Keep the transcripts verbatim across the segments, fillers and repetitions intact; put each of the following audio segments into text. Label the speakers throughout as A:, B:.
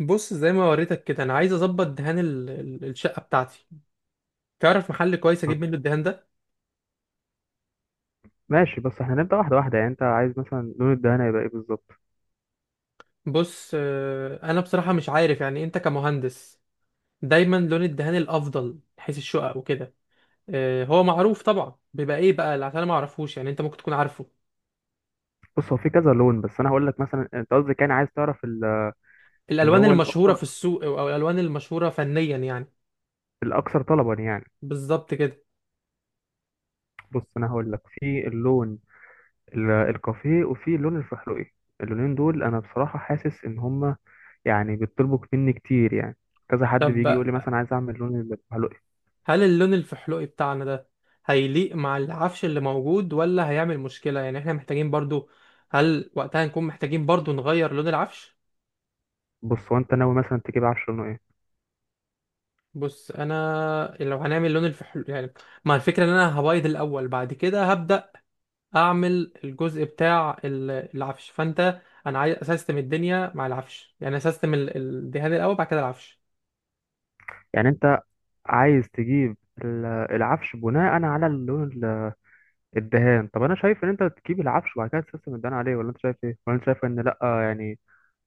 A: بص، زي ما وريتك كده انا عايز اظبط دهان ال- ال- الشقه بتاعتي. تعرف محل كويس اجيب منه الدهان ده؟
B: ماشي. بس احنا هنبدأ واحدة واحدة. يعني انت عايز مثلا لون الدهانة يبقى ايه بالظبط؟
A: بص، آه، انا بصراحه مش عارف، يعني انت كمهندس، دايما لون الدهان الافضل حيث الشقق وكده. آه، هو معروف طبعا بيبقى ايه بقى، اللي- عشان انا ما اعرفوش، يعني انت ممكن تكون عارفه.
B: بص هو في كذا لون. بس انا هقول لك مثلا انت قصدك يعني عايز تعرف ال- اللي
A: الالوان
B: هو
A: المشهوره
B: الاكثر
A: في السوق او أو الالوان المشهوره فنيا يعني.
B: الاكثر طلبا يعني.
A: بالظبط كده.
B: بص انا هقول لك في اللون ال- الكافيه وفي اللون الفحلوقي. اللونين دول انا بصراحة حاسس ان هما يعني بيطلبوا مني كتير يعني. كذا حد بيجي
A: طب
B: يقول لي مثلا عايز اعمل لون الفحلوقي.
A: هل اللون الفحلوقي بتاعنا ده هيليق مع العفش اللي موجود ولا هيعمل مشكلة؟ يعني احنا محتاجين برضو، هل وقتها نكون محتاجين برضو نغير لون العفش؟
B: بص هو انت ناوي مثلا تجيب عفش لونه ايه؟
A: بص، انا لو هنعمل لون الفحل يعني، ما الفكرة ان انا هبيض الاول، بعد كده هبدأ اعمل الجزء بتاع ال- العفش، فانت انا عايز اسستم الدنيا مع العفش، يعني اسستم ال- الدهان الاول، بعد كده العفش.
B: يعني انت عايز تجيب ال- العفش بناء على اللون الدهان. طب انا شايف ان انت تجيب العفش وبعد كده تسيستم الدهان عليه، ولا انت شايف ايه؟ ولا انت شايف ان لا، يعني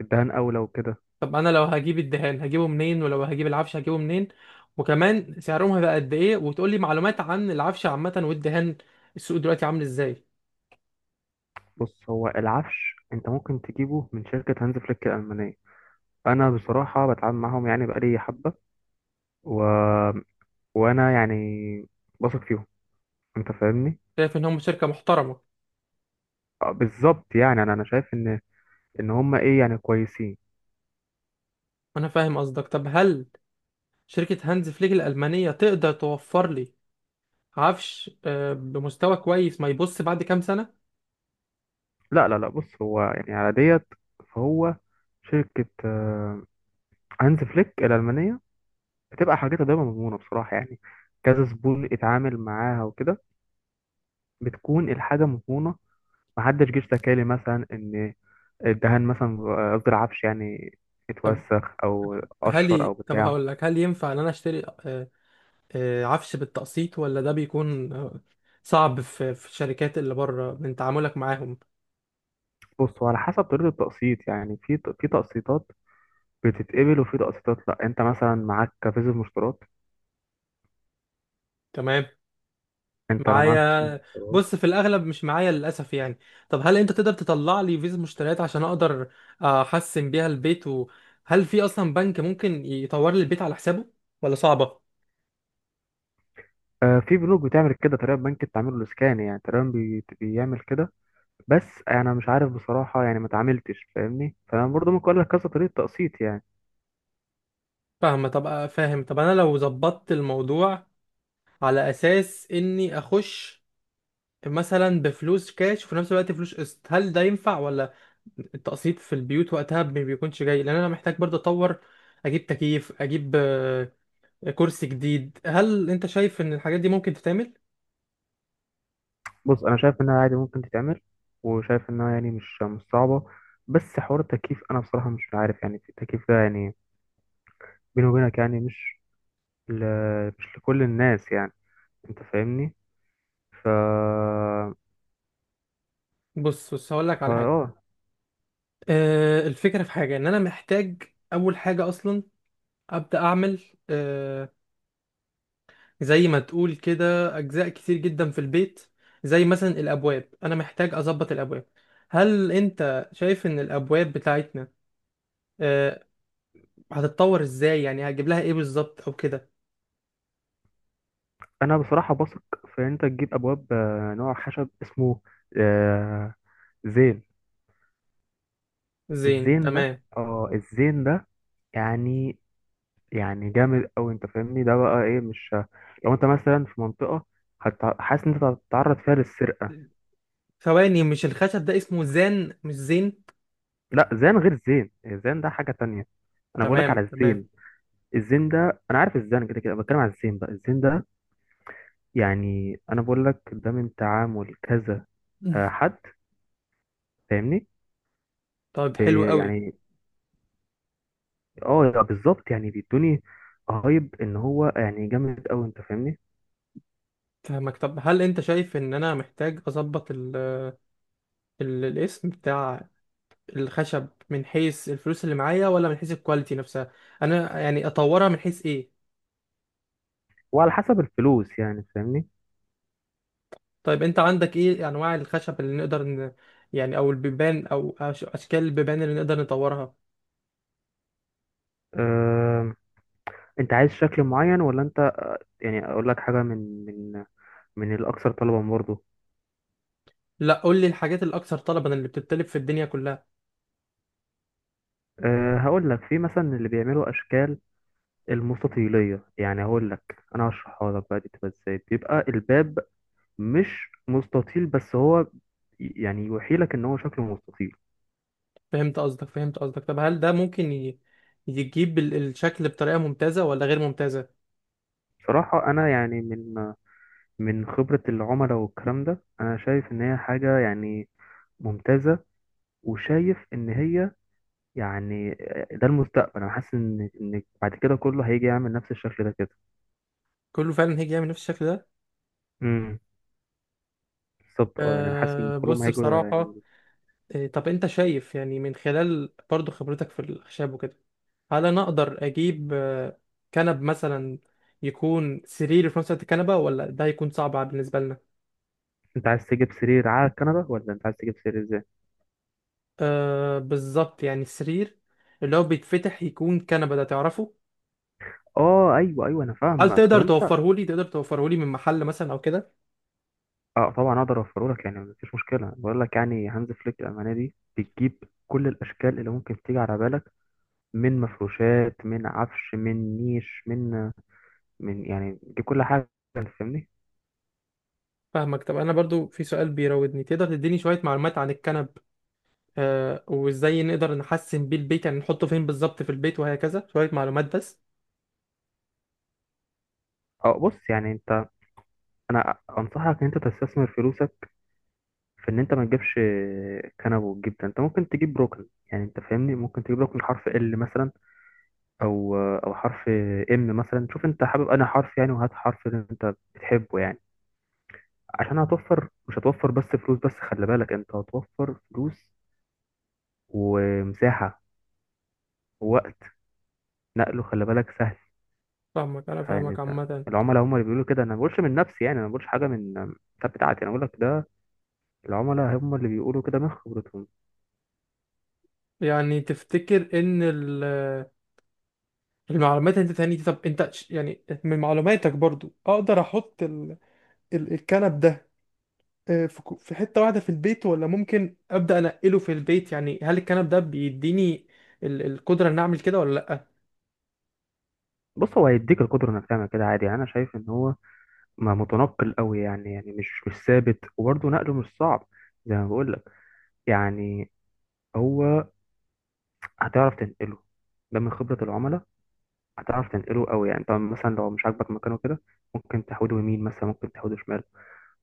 B: الدهان اولى وكده؟
A: طب انا لو هجيب الدهان هجيبه منين؟ ولو هجيب العفش هجيبه منين؟ وكمان سعرهم هيبقى قد ايه؟ وتقول لي معلومات عن العفش عامة والدهان، السوق دلوقتي عامل ازاي؟
B: بص هو العفش انت ممكن تجيبه من شركه هانز فليك الالمانيه. انا بصراحه بتعامل معاهم يعني بقالي حبه و... وانا يعني بثق فيهم، انت فاهمني.
A: شايف ان هم شركة محترمة؟
B: آه، بالظبط. يعني انا انا شايف ان ان هم ايه يعني كويسين.
A: انا فاهم قصدك. طب هل شركة هانز فليك الألمانية تقدر توفر لي عفش آه، بمستوى كويس ما يبص بعد كام سنة؟
B: لا لا لا، بص هو يعني على ديت، فهو شركه آه، هانز فليك الالمانيه بتبقى حاجتها دايما مضمونة بصراحة يعني. كذا زبون اتعامل معاها وكده بتكون الحاجة مضمونة. محدش جه اشتكى لي مثلا إن الدهان مثلا، قصدي العفش يعني،
A: طب
B: اتوسخ أو
A: هل
B: قشر أو
A: ي... طب
B: بتاع.
A: هقول لك، هل ينفع ان انا اشتري آه، آه، عفش بالتقسيط، ولا ده بيكون آه، صعب في في الشركات اللي بره من تعاملك معاهم؟
B: بص هو على حسب طريقة التقسيط. يعني في في تقسيطات بتتقبل وفي تقسيطات لأ. أنت مثلا معاك فيزا مشترات.
A: تمام.
B: أنت لو معاك فيزا
A: معايا.
B: مشترات.
A: بص، في الاغلب مش معايا للاسف يعني. طب هل انت تقدر تطلع لي فيزا مشتريات عشان اقدر آه، احسن بيها البيت؟ وهل في اصلا بنك ممكن يطور لي البيت على حسابه ولا صعبه؟
B: آه، في بنوك بتعمل كده، تقريبا بنك التعمير الإسكاني يعني تقريبا بي- بيعمل كده. بس انا مش عارف بصراحه يعني، ما اتعاملتش، فاهمني، فانا برضه ممكن اقول لك كذا طريقه تقسيط يعني.
A: فاهمه. طب آه، فاهم. طب انا لو ظبطت الموضوع على اساس اني اخش مثلا بفلوس كاش، وفي نفس الوقت فلوس قسط، هل ده ينفع ولا التقسيط في البيوت وقتها ما بيكونش جاي، لان انا محتاج برضه اطور، اجيب تكييف، اجيب آه، كرسي جديد. هل انت شايف ان الحاجات دي ممكن تتعمل؟
B: بص انا شايف انها عادي ممكن تتعمل، وشايف انها يعني مش مش صعبه. بس حوار التكييف انا بصراحه مش عارف. يعني التكييف ده يعني، بيني وبينك يعني، مش ل... مش لكل الناس يعني، انت فاهمني. ف
A: بص بص، هقول لك
B: فا
A: على حاجه.
B: اه
A: آه الفكره في حاجه ان انا محتاج اول حاجه اصلا ابدا اعمل، آه زي ما تقول كده، اجزاء كتير جدا في البيت، زي مثلا الابواب، انا محتاج اظبط الابواب. هل انت شايف ان الابواب بتاعتنا آه هتتطور ازاي؟ يعني هجيب لها ايه بالظبط او كده؟
B: انا بصراحه بثق في إن انت تجيب ابواب، آه، نوع خشب اسمه آه، زين.
A: زين.
B: الزين ده
A: تمام.
B: اه الزين ده يعني يعني جامد قوي، انت فاهمني. ده بقى ايه؟ مش لو انت مثلا في منطقة، هت- حاسس ان انت هتتعرض فيها للسرقة.
A: ثواني، مش الخشب ده اسمه زان مش زين؟
B: لا، زين غير زين، الزين ده حاجة تانية. انا بقولك على
A: تمام، تمام.
B: الزين. الزين ده انا عارف، الزين كده كده بتكلم على الزين بقى. الزين ده يعني انا بقولك ده من تعامل كذا آه، حد، فاهمني.
A: طيب، حلو
B: بي-
A: قوي.
B: يعني اه بالظبط، يعني بيدوني رهيب ان هو يعني جامد قوي، انت فاهمني.
A: فاهمك. طب هل انت شايف ان انا محتاج اظبط ال- الاسم بتاع الخشب من حيث الفلوس اللي معايا، ولا من حيث الكواليتي نفسها؟ انا يعني اطورها من حيث ايه؟
B: وعلى حسب الفلوس يعني، فاهمني.
A: طيب، انت عندك ايه انواع الخشب اللي نقدر ن... يعني او البيبان او أش- اشكال البيبان اللي نقدر نطورها؟
B: انت عايز شكل معين ولا انت آه، يعني اقول لك حاجه من من من الاكثر طلبا برضه؟
A: لا، قول لي الحاجات الاكثر طلبا اللي بتتطلب في الدنيا كلها.
B: أه هقول لك في مثلا اللي بيعملوا اشكال المستطيليه. يعني هقول لك، انا هشرحها لك بقى. دي بتبقى ازاي؟ بيبقى الباب مش مستطيل، بس هو يعني يوحيلك ان هو شكله مستطيل.
A: فهمت قصدك، فهمت قصدك. طب هل ده ممكن ي... يجيب ال- الشكل بطريقة ممتازة ولا غير ممتازة؟
B: بصراحه انا يعني من من خبره العملاء والكلام ده، انا شايف ان هي حاجه يعني ممتازه. وشايف ان هي يعني ده المستقبل. انا حاسس ان ان بعد كده كله هيجي يعمل نفس الشكل ده كده.
A: كله فعلا هيجي يعمل نفس الشكل ده.
B: امم، بالظبط. اه يعني انا حاسس ان
A: أه،
B: كلهم
A: بص
B: هيجوا
A: بصراحة،
B: يعني.
A: آه، طب انت شايف، يعني من خلال برضو خبرتك في الخشب وكده، هل انا اقدر اجيب آه، كنب مثلا يكون سرير في نفس الوقت كنبه، ولا ده هيكون صعب بالنسبه لنا؟
B: انت عايز تجيب سرير على كندا، ولا انت عايز تجيب سرير ازاي؟
A: أه بالظبط، يعني السرير اللي هو بيتفتح يكون كنبه، ده تعرفه؟
B: اه، ايوه ايوه، انا
A: هل
B: فاهمك. طب
A: تقدر
B: انت.
A: توفره لي تقدر توفره لي من محل مثلا او كده؟
B: اه، طبعا اقدر اوفره لك يعني مفيش مشكله. بقول لك يعني هانز فليك الالمانيه دي بتجيب كل الاشكال اللي ممكن تيجي على بالك، من مفروشات، من عفش، من نيش، من من يعني، دي كل حاجه، انت فاهمني.
A: فاهمك. طب انا برضو في سؤال بيراودني، تقدر تديني شويه معلومات عن الكنب؟ أه، وازاي نقدر نحسن بيه البيت؟ يعني نحطه فين بالظبط في البيت، وهكذا شويه معلومات بس.
B: اه، بص يعني انت، انا انصحك ان انت تستثمر فلوسك في ان انت ما تجيبش كنب، وتجيب ده. انت ممكن تجيب ركن، يعني انت فاهمني، ممكن تجيب ركن حرف ال مثلا، او او حرف ام مثلا. شوف انت حابب انا حرف يعني، وهات حرف اللي انت بتحبه يعني. عشان هتوفر، مش هتوفر بس فلوس، بس خلي بالك، انت هتوفر فلوس ومساحة ووقت. نقله خلي بالك سهل.
A: فاهمك، انا
B: يعني
A: فاهمك
B: انت،
A: عامه.
B: العملاء هم اللي بيقولوا كده. انا ما بقولش من نفسي يعني، انا ما بقولش حاجة من الكتاب بتاعتي، انا بقول لك ده العملاء هم اللي بيقولوا كده من خبرتهم.
A: يعني تفتكر ان ال المعلومات انت تاني دي؟ طب انت ش- يعني من معلوماتك برضو اقدر احط ال... ال... الكنب ده، آه، في كو- في حتة واحدة في البيت، ولا ممكن ابدا انقله في البيت؟ يعني هل الكنب ده بيديني ال... القدرة ان اعمل كده ولا لا؟
B: بص هو هيديك القدرة انك تعمل كده عادي. يعني انا شايف ان هو ما متنقل قوي يعني يعني مش مش ثابت، وبرضه نقله مش صعب. زي ما بقول لك يعني. هو هتعرف تنقله، ده من خبرة العملاء. هتعرف تنقله قوي يعني. طب مثلا لو مش عاجبك مكانه كده، ممكن تحوده يمين مثلا، ممكن تحوده شمال.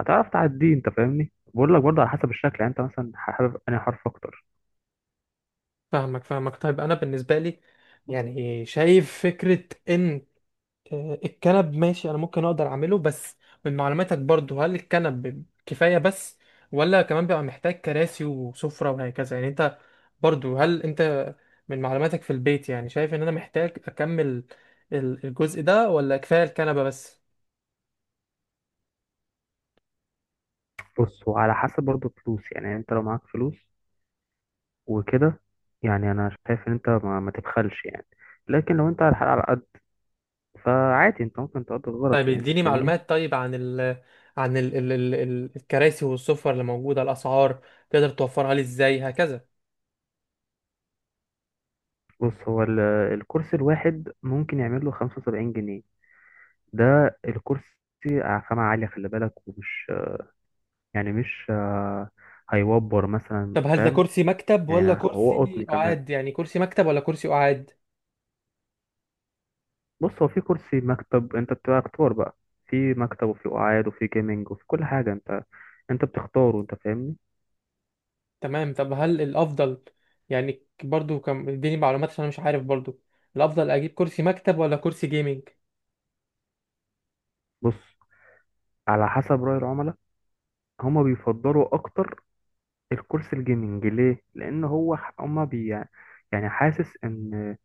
B: هتعرف تعديه، انت فاهمني. بقول لك برضه على حسب الشكل. يعني انت مثلا حابب انهي حرف اكتر؟
A: فاهمك، فاهمك. طيب انا بالنسبة لي يعني شايف فكرة ان آه، الكنب ماشي، انا ممكن اقدر اعمله، بس من معلوماتك برضو، هل الكنب بيب- كفاية بس ولا كمان بيبقى محتاج كراسي وسفرة وهكذا؟ يعني انت برضو، هل انت من معلوماتك في البيت، يعني شايف ان انا محتاج اكمل ال- الجزء ده ولا كفاية الكنبة بس؟
B: بص هو على حسب برضه فلوس يعني. يعني انت لو معاك فلوس وكده، يعني انا شايف ان انت ما, ما تبخلش يعني. لكن لو انت على الحلقة على قد، فعادي انت ممكن تقضي غلط
A: طيب،
B: يعني، انت
A: اديني
B: فاهمني.
A: معلومات طيب عن ال عن ال ال ال ال- الكراسي والسفر اللي موجودة، الاسعار تقدر توفرها لي ازاي، هكذا؟
B: بص هو ال- الكرسي الواحد ممكن يعمل له خمسة وسبعين جنيه. ده الكرسي خامة عالية خلي بالك، ومش يعني، مش آه، هيوبر مثلا،
A: طب هل ده
B: فاهم.
A: كرسي مكتب ولا
B: يعني أنا- هو
A: كرسي
B: قطن كمان.
A: قعاد؟ يعني كرسي مكتب ولا كرسي قعاد؟
B: بص هو في كرسي مكتب، انت بتبقى اختار بقى. في مكتب، وفي قعاد، وفي جيمنج، وفي كل حاجة. انت انت بتختاره، انت فاهمني.
A: تمام. طب هل الافضل، يعني برضو كم، اديني معلومات عشان انا مش عارف برضو، الافضل اجيب كرسي مكتب ولا كرسي جيمنج؟
B: بص، على حسب رأي العملاء، هما بيفضلوا اكتر الكرسي الجيمنج. ليه؟ لان هو ح- هما بي يعني حاسس ان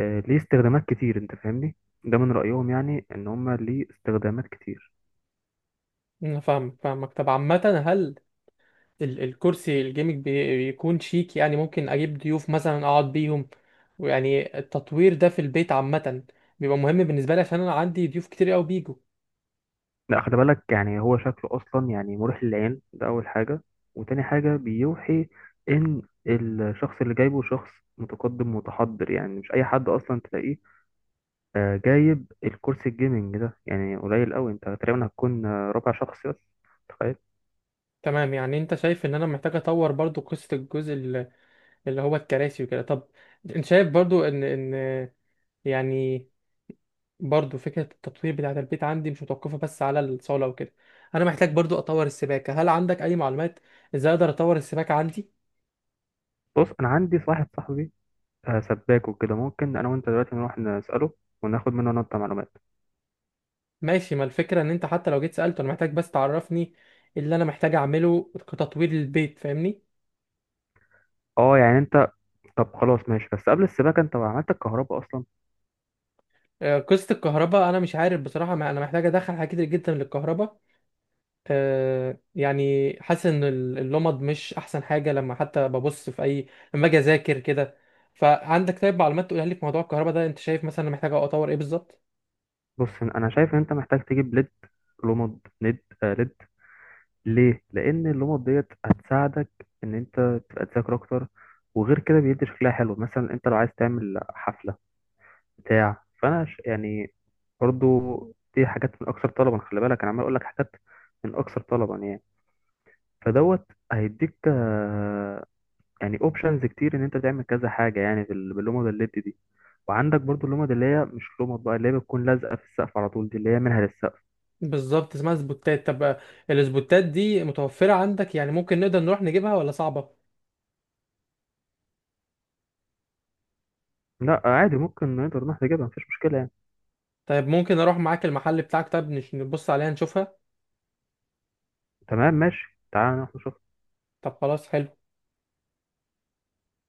B: آه، ليه استخدامات كتير، انت فاهمني. ده من رأيهم يعني، ان هما ليه استخدامات كتير.
A: انا فاهمك، فاهمك. طب عامه، هل ال الكرسي الجيمنج بي- بيكون شيك، يعني ممكن اجيب ضيوف مثلا اقعد بيهم، ويعني التطوير ده في البيت عامه، بيبقى مهم بالنسبه لي، عشان انا عندي ضيوف كتير قوي بيجوا.
B: لا، خلي بالك، يعني هو شكله اصلا يعني مريح للعين، ده اول حاجة. وتاني حاجة، بيوحي ان الشخص اللي جايبه شخص متقدم متحضر، يعني مش اي حد اصلا تلاقيه آه، جايب الكرسي الجيمنج ده. يعني قليل قوي، انت تقريبا هتكون آه، ربع شخص بس، تخيل.
A: تمام. يعني انت شايف ان انا محتاج اطور برضو قصه الجزء ال- اللي هو الكراسي وكده. طب انت شايف برضو ان ان يعني برضو فكرة التطوير بتاعة البيت عندي مش متوقفة بس على الصالة وكده. أنا محتاج برضو أطور السباكة، هل عندك أي معلومات إزاي أقدر أطور السباكة عندي؟
B: بص انا عندي واحد صاحبي آه، سباك وكده. ممكن انا وانت دلوقتي نروح نسأله وناخد منه نقطة معلومات.
A: ماشي، ما الفكرة إن أنت حتى لو جيت سألته، أنا محتاج بس تعرفني اللي أنا محتاج أعمله كتطوير للبيت، فاهمني؟
B: اه، يعني انت طب خلاص ماشي. بس قبل السباكة انت عملت الكهرباء اصلا؟
A: آه، قصة الكهرباء أنا مش عارف بصراحة، ما أنا محتاج أدخل حاجات كتير جدا للكهرباء. آه، يعني حاسس إن ال- اللمض مش أحسن حاجة، لما حتى ببص في أي، لما أجي أذاكر كده. فعندك طيب معلومات تقولها لي في موضوع الكهرباء ده؟ أنت شايف مثلا أنا محتاج أطور إيه بالظبط؟
B: بص انا شايف ان انت محتاج تجيب ليد. لمض ليد، آه ليد. ليه؟ لان اللمض ديت هتساعدك ان انت تبقى تذاكر اكتر. وغير كده بيدي شكلها حلو، مثلا انت لو عايز تعمل حفلة بتاع، فانا ش... يعني برضو دي حاجات من اكثر طلبا، خلي بالك. انا عمال اقول لك حاجات من اكثر طلبا يعني. فدوت هيديك آه، يعني اوبشنز كتير، ان انت تعمل كذا حاجة يعني بال- باللمض الليد دي. وعندك برضو اللمض اللي هي مش لمض بقى، اللي هي بتكون لازقه في السقف على طول، دي اللي هي منها للسقف.
A: بالظبط، اسمها سبوتات. طب السبوتات دي متوفرة عندك؟ يعني ممكن نقدر نروح نجيبها ولا صعبة؟
B: لا عادي، ممكن نقدر نروح نجيبها، مفيش مشكله يعني.
A: طيب ممكن اروح معاك المحل بتاعك؟ طب نش- نبص عليها، نشوفها.
B: تمام ماشي، تعالى نروح نشوف.
A: طب خلاص، حلو.